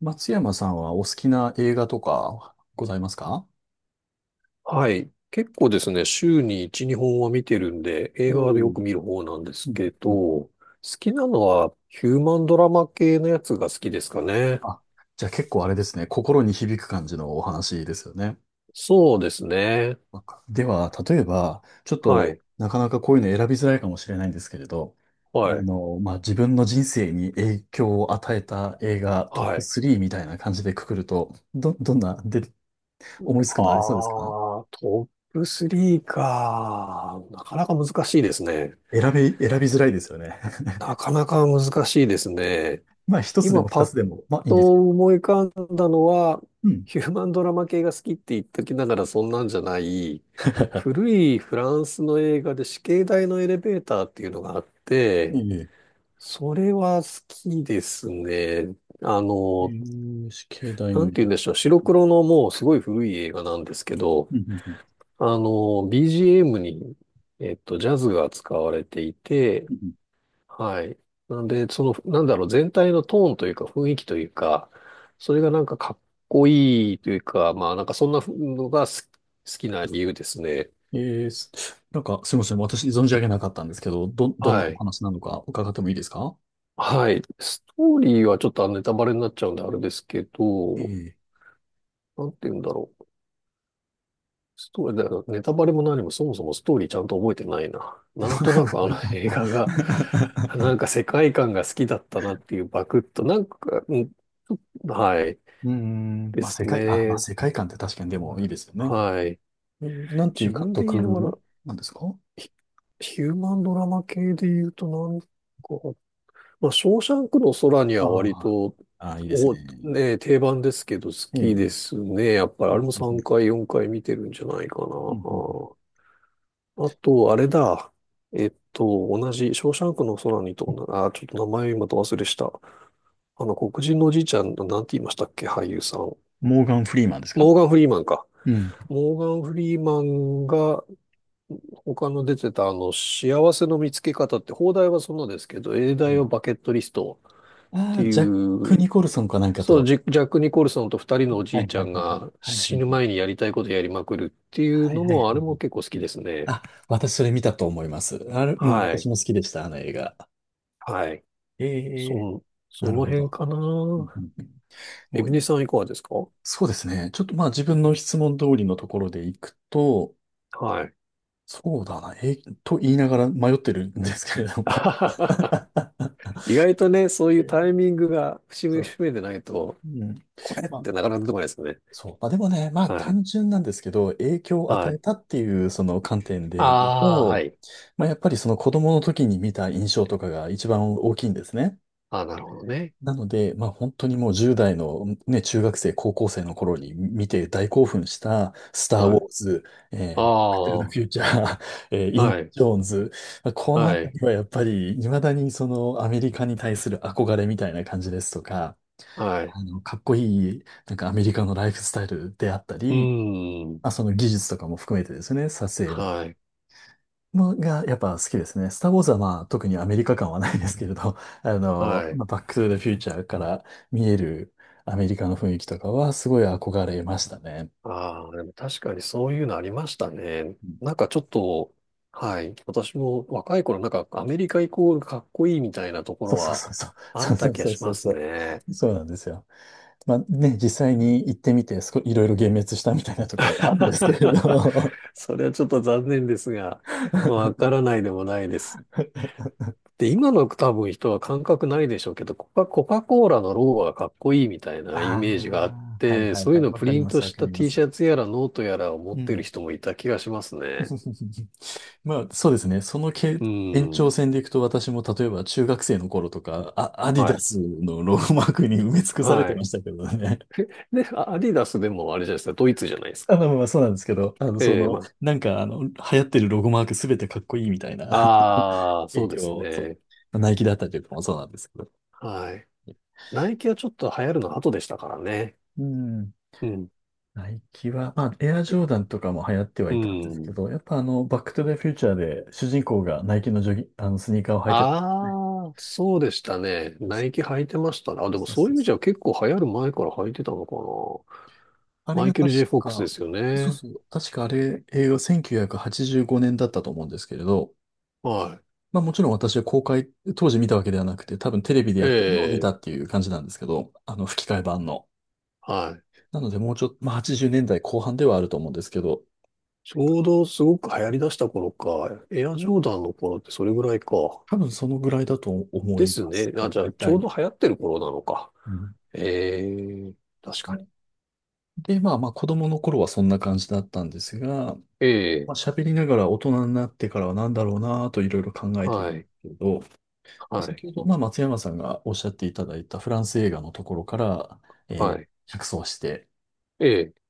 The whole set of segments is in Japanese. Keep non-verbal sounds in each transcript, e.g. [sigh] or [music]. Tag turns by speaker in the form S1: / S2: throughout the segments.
S1: 松山さんはお好きな映画とかございますか？
S2: はい。結構ですね、週に1、2本は見てるんで、
S1: お
S2: 映画でよ
S1: お、
S2: く見る方なんで
S1: う
S2: す
S1: ん
S2: けど、
S1: うん。
S2: 好きなのはヒューマンドラマ系のやつが好きですかね。
S1: あ、じゃあ結構あれですね、心に響く感じのお話ですよね。
S2: そうですね。
S1: では、例えば、ちょっ
S2: は
S1: と
S2: い。
S1: なかなかこういうの選びづらいかもしれないんですけれど、あ
S2: はい。
S1: の、まあ、自分の人生に影響を与えた映画トッ
S2: は
S1: プ
S2: い。
S1: 3みたいな感じでくくると、どんな、で、思いつくのありそうですか？
S2: トップ3か。なかなか難しいですね。
S1: 選びづらいですよね。
S2: なかなか難しいですね。
S1: [laughs] まあ、一つで
S2: 今
S1: も二
S2: パ
S1: つ
S2: ッ
S1: でも、まあ、いいんです
S2: と
S1: けど。
S2: 思い浮かんだのは、
S1: うん。
S2: ヒューマンドラマ系が好きって言っときながらそんなんじゃない、
S1: [laughs]
S2: 古いフランスの映画で死刑台のエレベーターっていうのがあっ
S1: い
S2: て、
S1: えいえ。
S2: それは好きですね。あ
S1: え
S2: の、
S1: ー、し
S2: な
S1: の入
S2: んて
S1: れ
S2: 言う
S1: 替
S2: んでしょ
S1: え。
S2: う、白黒のもうすごい古い映画なんですけど、
S1: うんうんうん。
S2: あの、BGM に、ジャズが使われていて、
S1: うん
S2: はい。なんで、その、なんだろう、全体のトーンというか、雰囲気というか、それがなんかかっこいいというか、まあなんかそんなのが好きな理由ですね。
S1: うん。なんか、すみません。私、存じ上げなかったんですけど、どんな
S2: は
S1: お
S2: い。
S1: 話なのか伺ってもいいですか？
S2: はい。ストーリーはちょっとネタバレになっちゃうんであれですけ
S1: え
S2: ど、
S1: え。
S2: なんて言うんだろう。ストーリー、だからネタバレも何もそもそもストーリーちゃんと覚えてないな。なんと
S1: [laughs]
S2: なくあの映画が、なんか世界観が好きだったなっていうバクッと、なんか、うん、はい。で
S1: まあ、
S2: す
S1: 世界、あ、まあ、
S2: ね。
S1: 世界観って確かにでもいいですよね。
S2: はい。
S1: なんてい
S2: 自
S1: う監
S2: 分的にだか
S1: 督
S2: ら
S1: なんですか？
S2: ヒ、ヒューマンドラマ系で言うとなんか、まあ、ショーシャンクの空には
S1: あ
S2: 割と、
S1: あ、ああ、いいです
S2: お、
S1: ね。
S2: ね、定番ですけど好
S1: ええ。
S2: きですね。やっぱり
S1: う
S2: あれ
S1: ん
S2: も
S1: うんう
S2: 3
S1: ん
S2: 回、4回見てるんじゃないかな。
S1: うんうん。
S2: あと、あれだ。同じ、ショーシャンクの空にと同じ、あ、ちょっと名前今と忘れした。あの、黒人のおじいちゃん、なんて言いましたっけ、俳優さん。モ
S1: モーガン・フリーマンですか？
S2: ーガン・フリーマンか。
S1: うん。
S2: モーガン・フリーマンが他の出てたあの、幸せの見つけ方って、邦題はそんなですけど、英
S1: え
S2: 題
S1: え。
S2: はバケットリストっ
S1: あ
S2: て
S1: あ、
S2: い
S1: ジャック・
S2: う、
S1: ニコルソンかなんか
S2: そう、
S1: と。
S2: ジャック・ニコルソンと二人のお
S1: は
S2: じい
S1: い
S2: ち
S1: は
S2: ゃ
S1: い
S2: ん
S1: はいはい。
S2: が
S1: はいは
S2: 死
S1: い
S2: ぬ
S1: は
S2: 前
S1: い。
S2: にやりたいことやりまくるっていう
S1: はい
S2: の
S1: はいは
S2: も、あれ
S1: い。
S2: も結構好きですね。
S1: あ、私それ見たと思います。あれ、うん、
S2: は
S1: 私
S2: い。
S1: も好きでした、あの映画。
S2: はい。
S1: え
S2: そ
S1: え。
S2: ん、そ
S1: な
S2: の
S1: るほ
S2: 辺
S1: ど。
S2: かな。
S1: うんうんうん。
S2: エ
S1: も
S2: ビ
S1: う
S2: ネ
S1: い、
S2: さんいかがですか？
S1: そうですね。ちょっとまあ自分の質問通りのところでいくと、
S2: はい。
S1: そうだな、と言いながら迷ってるんですけれど
S2: [laughs] あは
S1: も。
S2: はは
S1: [laughs]
S2: 意外とね、そうい
S1: え
S2: うタ
S1: ー
S2: イミングが節
S1: そ
S2: 目
S1: う。
S2: 節目でないと、
S1: うん。
S2: これっ
S1: まあ、
S2: てなかなか出てこないですよね。
S1: そう。まあでもね、まあ
S2: はい。
S1: 単純なんですけど、影響を与
S2: は
S1: え
S2: い。
S1: たっていうその観点で言う
S2: ああ、は
S1: と、
S2: い。
S1: まあやっぱりその子供の時に見た印象とかが一番大きいんですね。
S2: ああ、なるほどね。
S1: なので、まあ本当にもう10代のね、中学生、高校生の頃に見て大興奮した、スター・
S2: は
S1: ウォ
S2: い。
S1: ーズ、
S2: あ
S1: バック・トゥ・ [laughs]
S2: あ、
S1: ザ・フ
S2: は
S1: ューチャー、イン・
S2: い、
S1: ジョーンズ、まあこのあ
S2: は
S1: た
S2: い、
S1: りはやっぱり、未だにそのアメリカに対する憧れみたいな感じですとか、
S2: はい。
S1: あの、かっこいい、なんかアメリカのライフスタイルであった
S2: う
S1: り、
S2: ーん、
S1: まあその技術とかも含めてですね、撮影の。
S2: はい、
S1: もがやっぱ好きですね。スター・ウォーズはまあ特にアメリカ感はないですけれど、[laughs] あの、
S2: は
S1: ま
S2: い。
S1: あ、バック・トゥ・ザ・フューチャーから見えるアメリカの雰囲気とかはすごい憧れましたね。
S2: ああ、でも確かにそういうのありましたね。
S1: うん。
S2: なんかちょっと、はい。私も若い頃、なんかアメリカイコールかっこいいみたいなとこ
S1: そ
S2: ろ
S1: うそう
S2: は
S1: そうそう。[laughs]
S2: あ
S1: そ
S2: っ
S1: うそ
S2: た
S1: う
S2: 気が
S1: そう
S2: し
S1: そう
S2: ます
S1: そ
S2: ね。
S1: う。そうなんですよ。まあね、実際に行ってみて、すこいろいろ幻滅したみたいなところもあるんですけれ
S2: [laughs]
S1: ど。
S2: それはちょっと残念ですが、わ
S1: [laughs]
S2: からないでもないです。で、今の多分人は感覚ないでしょうけど、コカ・コーラのロゴがかっこいいみたいなイメージがあっ
S1: ああ、はい
S2: て、
S1: はい
S2: そうい
S1: は
S2: う
S1: い。
S2: のを
S1: わ
S2: プ
S1: かり
S2: リン
S1: ます
S2: ト
S1: わ
S2: し
S1: か
S2: た
S1: りま
S2: T シ
S1: す。
S2: ャツやらノートやらを持っ
S1: う
S2: てる
S1: ん。
S2: 人もいた気がしますね。
S1: [laughs] まあ、そうですね。そのけ
S2: う
S1: 延長
S2: ん。
S1: 線でいくと、私も例えば中学生の頃とか、あ、アディ
S2: は
S1: ダ
S2: い。
S1: スのロゴマークに埋め尽くされ
S2: は
S1: てま
S2: い。
S1: したけどね。
S2: で、アディダスでもあれじゃないですか、ドイツじゃないで
S1: [laughs]
S2: すか。
S1: あの、まあ、そうなんですけど、あの、そ
S2: ええ
S1: の、
S2: ま
S1: なんか、あの、流行ってるロゴマークすべてかっこいいみたいな
S2: あ、ああ、
S1: [laughs]
S2: そ
S1: 影
S2: うで
S1: 響
S2: す
S1: を、そ
S2: ね。
S1: う、ナイキだったりとかもそうなんですけど。
S2: はい。ナイキはちょっと流行るの後でしたからね。
S1: うん。
S2: うん。
S1: ナイキは、まあ、エアジョーダンとかも流行っては
S2: う
S1: いたんですけ
S2: ん。
S1: ど、やっぱあの、バックトゥザフューチャーで主人公がナイキのジョギ、あの、スニーカーを履いてたね。
S2: ああ、そうでしたね。
S1: そ
S2: ナイキ履いてましたね。あ、
S1: う
S2: でも
S1: そう
S2: そう
S1: そ
S2: いう意味じゃ
S1: う、
S2: 結構流行る前から履いてたのかな。
S1: あれ
S2: マイ
S1: が
S2: ケル・
S1: 確
S2: J・ フォックス
S1: か、
S2: ですよ
S1: そう
S2: ね。
S1: そう、確かあれ、映画1985年だったと思うんですけれど、
S2: は
S1: まあもちろん私は公開、当時見たわけではなくて、多分テレビで
S2: い。
S1: やってるのを見
S2: え
S1: た
S2: え、
S1: っていう感じなんですけど、あの吹き替え版の。
S2: はい。
S1: なのでもうちょっと、まあ80年代後半ではあると思うんですけど、
S2: ちょうどすごく流行り出した頃か。エアジョーダンの頃ってそれぐらいか。
S1: 多分そのぐらいだと思
S2: で
S1: い
S2: す
S1: ます。
S2: ね。あ、じゃ
S1: 大
S2: あちょう
S1: 体。
S2: ど流行ってる頃なのか。
S1: うん。
S2: ええ、確
S1: そ
S2: かに。
S1: うで、まあまあ子供の頃はそんな感じだったんですが、
S2: ええ、
S1: まあ喋りながら大人になってからは何だろうなぁといろいろ考えてい
S2: は
S1: るんで
S2: い、
S1: すけど、
S2: はい、
S1: 先ほど、まあ、松山さんがおっしゃっていただいたフランス映画のところから、
S2: は
S1: えー
S2: い。
S1: 着想して、
S2: ええ。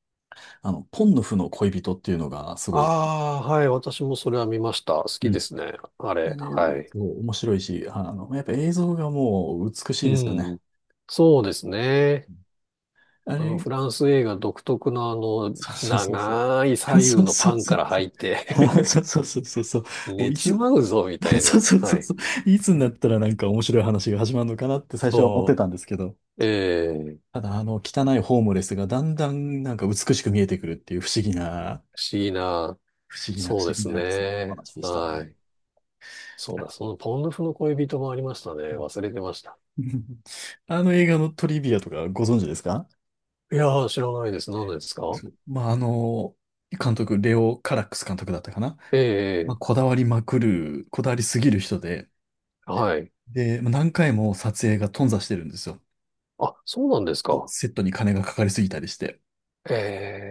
S1: あの、ポンヌフの恋人っていうのがすごい、
S2: ああ、はい。私もそれは見ました。好
S1: う
S2: きで
S1: ん。
S2: すね。あ
S1: あ
S2: れ。
S1: れ、
S2: はい。
S1: 面白いし、あの、やっぱ映像がもう美し
S2: う
S1: いですよ
S2: ん。
S1: ね。
S2: そうですね。
S1: あ
S2: あの、
S1: れ、
S2: フランス映画独特のあの、
S1: そうそうそうそう。
S2: 長い左
S1: [laughs]
S2: 右
S1: そう
S2: の
S1: そ
S2: パ
S1: う
S2: ン
S1: そ
S2: か
S1: う
S2: ら
S1: そ
S2: 入って
S1: う。[laughs] そうそうそうそうそう。
S2: [laughs]
S1: もう
S2: 寝
S1: いつ、
S2: ちまうぞ、みた
S1: [laughs]
S2: い
S1: そう
S2: な。
S1: そうそ
S2: は
S1: う
S2: い。
S1: そう。いつになったらなんか面白い話が始まるのかなって最初は思ってたんですけど、
S2: そう。ええ
S1: ただあの汚いホームレスがだんだんなんか美しく見えてくるっていう不思議な
S2: 不思議な。
S1: 不思議な、不
S2: そうで
S1: 思議
S2: す
S1: な、そのお
S2: ね。
S1: 話でした
S2: は
S1: ね。
S2: い。そうだ、そのポンドフの恋人もありましたね。忘れてました。
S1: [laughs] あの映画のトリビアとかご存知ですか？
S2: いやー、知らないです。何ですか？
S1: そうまあ、あの、監督、レオ・カラックス監督だったかな。
S2: え
S1: まあ、
S2: ええ
S1: こ
S2: え
S1: だわりまくる、こだわりすぎる人で、
S2: はい。
S1: で、まあ何回も撮影が頓挫してるんですよ。
S2: あ、そうなんです
S1: そう
S2: か。
S1: セットに金がかかりすぎたりして。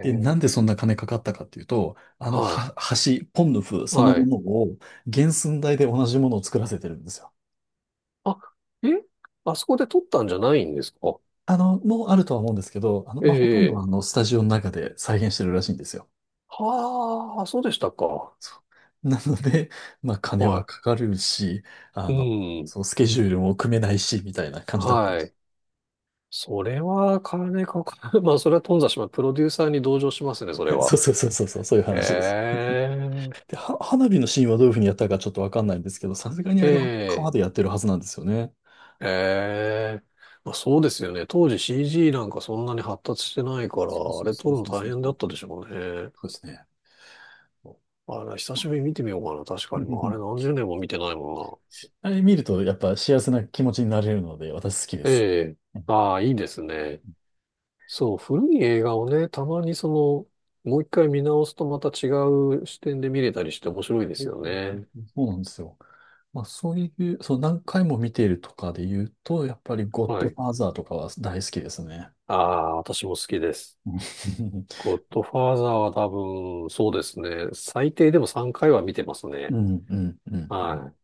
S1: で、なんで
S2: え
S1: そんな金かかったかっていうと、あの
S2: は
S1: は橋、ポンヌフ
S2: い。
S1: その
S2: は
S1: も
S2: い。
S1: のを原寸大で同じものを作らせてるんですよ。
S2: あ、えあそこで撮ったんじゃないんですか？
S1: あの、もうあるとは思うんですけど、あの、
S2: え
S1: まあ、ほとんどはあ
S2: え。
S1: の、スタジオの中で再現してるらしいんですよ。
S2: はあ、そうでしたか。
S1: そう [laughs] なので、まあ、金は
S2: は
S1: かかるし、あ
S2: い。
S1: の、
S2: う
S1: そう、
S2: ん。
S1: スケジュールも組めないし、みたいな感じだったんで
S2: は
S1: す。
S2: い。それは金かかる。[laughs] まあ、それは頓挫します。プロデューサーに同情しますね、それ
S1: [laughs] そ
S2: は。
S1: うそうそうそうそう、そういう話です。
S2: え
S1: で、花火のシーンはどういうふうにやったかちょっとわかんないんですけど、さすがに
S2: え、え
S1: あれは川
S2: え、
S1: でやってるはずなんですよね。
S2: ええ。まあ、そうですよね。当時 CG なんかそんなに発達してないから、
S1: そう
S2: あ
S1: そう
S2: れ
S1: そ
S2: 撮
S1: う
S2: るの
S1: そう
S2: 大
S1: そう。
S2: 変だっ
S1: そ
S2: たでしょうね。
S1: うですね。そ
S2: あれ、久
S1: うまあ。
S2: しぶりに見てみようかな。確かに。もうあれ
S1: [laughs]
S2: 何十年も見てないもん
S1: あれ見ると、やっぱ幸せな気持ちになれるので、私好きで
S2: な。え
S1: す。
S2: え。
S1: うん。
S2: ああ、いいですね。そう、古い映画をね、たまにその、もう一回見直すとまた違う視点で見れたりして面白いで
S1: そ
S2: す
S1: う
S2: よ
S1: そうそう
S2: ね。
S1: そう、そうなんですよ。まあそういう、そう何回も見ているとかで言うと、やっぱりゴッ
S2: は
S1: ドフ
S2: い。
S1: ァーザーとかは大好きですね。
S2: ああ、私も好きです。
S1: [laughs]
S2: ゴッドファーザーは多分、そうですね。最低でも3回は見てます
S1: う
S2: ね。
S1: ん、[laughs] うん、うん。うん。
S2: はい。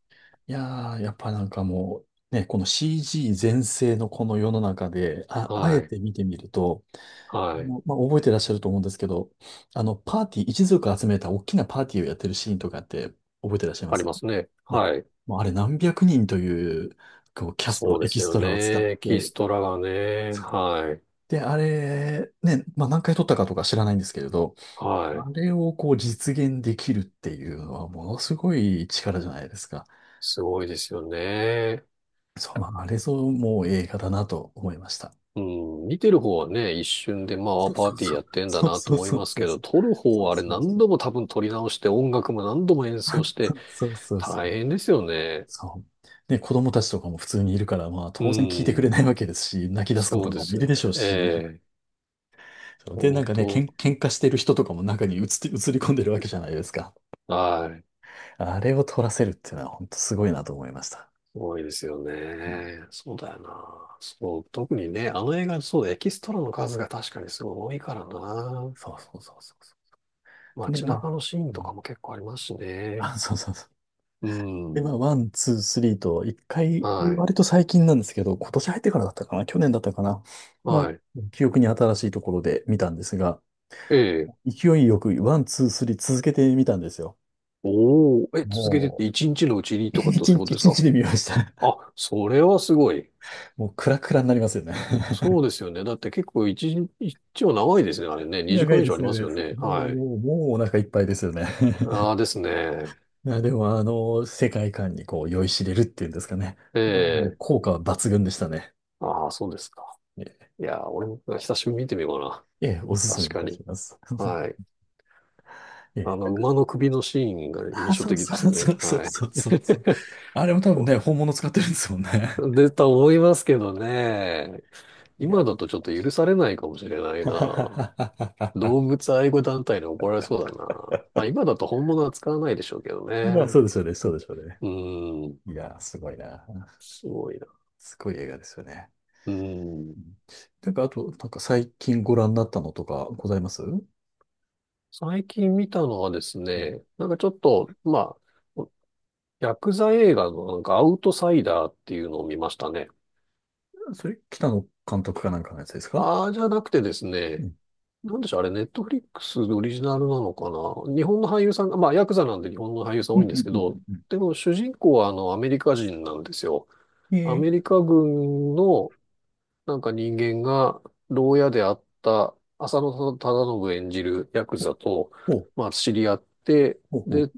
S1: いやー、やっぱなんかもう、ね、この CG 全盛のこの世の中で、あえ
S2: はい。
S1: て見てみると、
S2: はい。
S1: もうまあ、覚えてらっしゃると思うんですけど、あの、パーティー、一族集めた大きなパーティーをやってるシーンとかって覚えてらっしゃいま
S2: あり
S1: す
S2: ますね。
S1: ね？
S2: はい。
S1: もうあれ何百人という、こう、キャス
S2: そ
S1: ト、
S2: うで
S1: エキ
S2: す
S1: ス
S2: よ
S1: トラを使っ
S2: ね。キ
S1: て、
S2: ストラがね。
S1: そ
S2: はい。
S1: で、あれ、ね、まあ、何回撮ったかとか知らないんですけれど、
S2: は
S1: あ
S2: い。
S1: れをこう実現できるっていうのはものすごい力じゃないですか。
S2: すごいですよね。
S1: そう、まあ、あれぞもう映画だなと思いました。
S2: うん、見てる方はね、一瞬でまあ
S1: そう
S2: パー
S1: そう
S2: ティー
S1: そ
S2: や
S1: う。
S2: ってんだ
S1: そう
S2: なと
S1: そう
S2: 思い
S1: そう
S2: ます
S1: そう
S2: けど、
S1: そう。
S2: 撮る方
S1: そう
S2: はあれ
S1: そう
S2: 何
S1: そう。
S2: 度も多分撮り直して、音楽も何度も演奏
S1: [laughs]
S2: し
S1: そ
S2: て、
S1: うそうそ
S2: 大
S1: う。
S2: 変ですよね。
S1: そう。で、子供たちとかも普通にいるから、まあ
S2: う
S1: 当然聞いてくれ
S2: ん、
S1: ないわけですし、泣き出す子
S2: そう
S1: と
S2: で
S1: かも
S2: す
S1: いる
S2: よね。
S1: でしょう
S2: え
S1: し。
S2: え、
S1: そうで、な
S2: 本
S1: んかね、
S2: 当、
S1: 喧嘩してる人とかも中に映って、映り込んでるわけじゃないですか。
S2: はい、
S1: あれを取らせるっていうのは本当すごいなと思いました。
S2: すごいですよ
S1: うん。
S2: ね。そうだよな。そう、特にね、あの映画、そうだ、エキストラの数が確かにすごい多いからな。
S1: そうそうそうそうそう。で、
S2: 街
S1: まあ、
S2: 中のシーン
S1: う
S2: と
S1: ん。
S2: かも結構ありますしね。
S1: あ、そうそうそう。
S2: う
S1: で、ま
S2: ん、
S1: あ、ワン、ツー、スリーと、一回、
S2: はい、
S1: 割と最近なんですけど、今年入ってからだったかな、去年だったかな。まあ、
S2: はい。
S1: 記憶に新しいところで見たんですが、
S2: ええ
S1: 勢いよくワン、ツー、スリー続けてみたんですよ。
S2: おお、え、続けてっ
S1: も
S2: て一日のうちに
S1: う、[laughs]
S2: とかってそう
S1: 一
S2: いうこ
S1: 日、
S2: とで
S1: 一
S2: すか？
S1: 日で見ました。
S2: あ、それはすごい。
S1: もう、クラクラになりますよね。
S2: そうですよね。だって結構一日、一応長いですね。あれね。2
S1: 長
S2: 時間
S1: い
S2: 以
S1: で
S2: 上あ
S1: す
S2: り
S1: ね。
S2: ますよね。
S1: [laughs] もう、
S2: はい。
S1: もう、もうお腹いっぱいですよね。
S2: ああですね。
S1: いや、でもあの、世界観にこう酔いしれるっていうんですかね。
S2: え
S1: まあ [laughs] もう
S2: え。
S1: 効果は抜群でしたね。
S2: ああ、そうですか。
S1: [laughs] え
S2: いやー、俺も久しぶりに見てみようか
S1: え、ええおす
S2: な。
S1: すめ
S2: 確
S1: い
S2: か
S1: た
S2: に。
S1: します。
S2: は
S1: [laughs]
S2: い。
S1: え
S2: あの、
S1: え。
S2: 馬の首のシーンが
S1: [laughs] あ、
S2: 印象
S1: そう
S2: 的で
S1: そう
S2: す
S1: [laughs]
S2: ね。
S1: そうそう
S2: はい。
S1: そう
S2: [laughs]
S1: そうそう。あれも多分ね、本物使ってるんですもんね。
S2: で、と思いますけどね。
S1: [laughs] い
S2: 今
S1: や。
S2: だとちょっと許されないかもしれないな。
S1: [laughs]
S2: 動物愛護団体に怒られそうだな。まあ今だと本物は使わないでしょうけど
S1: まあ、そ
S2: ね。
S1: うでしょうね、そうでしょうね。
S2: うん。
S1: いや、すごいな。
S2: すごいな。
S1: すごい映画ですよね。
S2: うん。
S1: うん。なんか、あと、なんか最近ご覧になったのとかございますう？
S2: 最近見たのはですね、
S1: ん、
S2: なんかちょっと、まあ、ヤクザ映画のなんかアウトサイダーっていうのを見ましたね。
S1: それ、北野監督かなんかのやつですか？
S2: ああ、じゃなくてです
S1: う
S2: ね、
S1: ん
S2: なんでしょう、あれ、ネットフリックスオリジナルなのかな。日本の俳優さんが、まあヤクザなんで日本の俳優さん
S1: うん
S2: 多
S1: う
S2: いんです
S1: ん
S2: け
S1: うん
S2: ど、
S1: うん
S2: でも主人公はあのアメリカ人なんですよ。
S1: うん。
S2: アメリカ軍のなんか人間が牢屋であった浅野忠信演じるヤク
S1: ー
S2: ザと、
S1: ほう、
S2: まあ、知り合って、
S1: ほう、ほ
S2: で、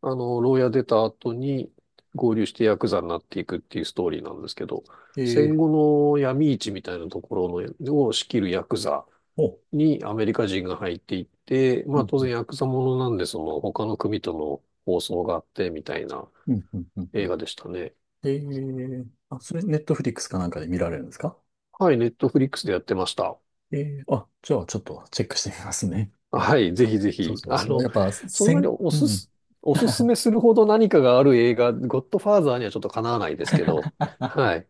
S2: あの、牢屋出た後に合流してヤクザになっていくっていうストーリーなんですけど、
S1: う。
S2: 戦
S1: ー、
S2: 後の闇市みたいなところのを仕切るヤクザ
S1: ほ
S2: にアメリカ人が入っていって、
S1: う。
S2: ま
S1: う
S2: あ
S1: ん、
S2: 当
S1: うん、
S2: 然ヤクザものなんで、その他の組との放送があってみたいな
S1: うん、うん、う
S2: 映
S1: ん。
S2: 画でしたね。
S1: あ、それ、ネットフリックスかなんかで見られるんですか？
S2: はい、ネットフリックスでやってました。
S1: えあ、じゃあ、ちょっとチェックしてみますね。
S2: はい、ぜひぜ
S1: そう
S2: ひ。
S1: そう、
S2: あ
S1: その、
S2: の、
S1: やっぱ、
S2: そんなにお
S1: う
S2: す
S1: ん。[laughs] い
S2: す、おすすめするほど何かがある映画、ゴッドファーザーにはちょっとかなわないですけど、はい。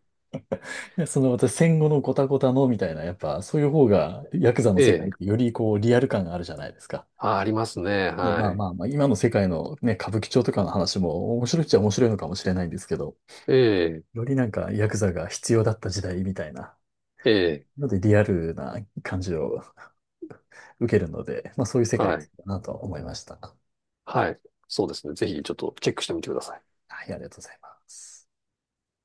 S1: やその、私、戦後のゴタゴタの、みたいな、やっぱ、そういう方が、ヤクザの
S2: え
S1: 世界
S2: え、
S1: ってより、こう、リアル感があるじゃないですか。
S2: あ、ありますね。
S1: ね、ま
S2: は
S1: あ
S2: い。
S1: まあまあ、今の世界のね、歌舞伎町とかの話も、面白いっちゃ面白いのかもしれないんですけど、
S2: ええ、
S1: よりなんか、ヤクザが必要だった時代みたいな。
S2: ええ、
S1: なので、リアルな感じを受けるので、まあ、そういう世界
S2: は
S1: か
S2: い。
S1: なと思いました。
S2: はい。そうですね。ぜひちょっとチェックしてみてください。
S1: はい、ありがとうございます。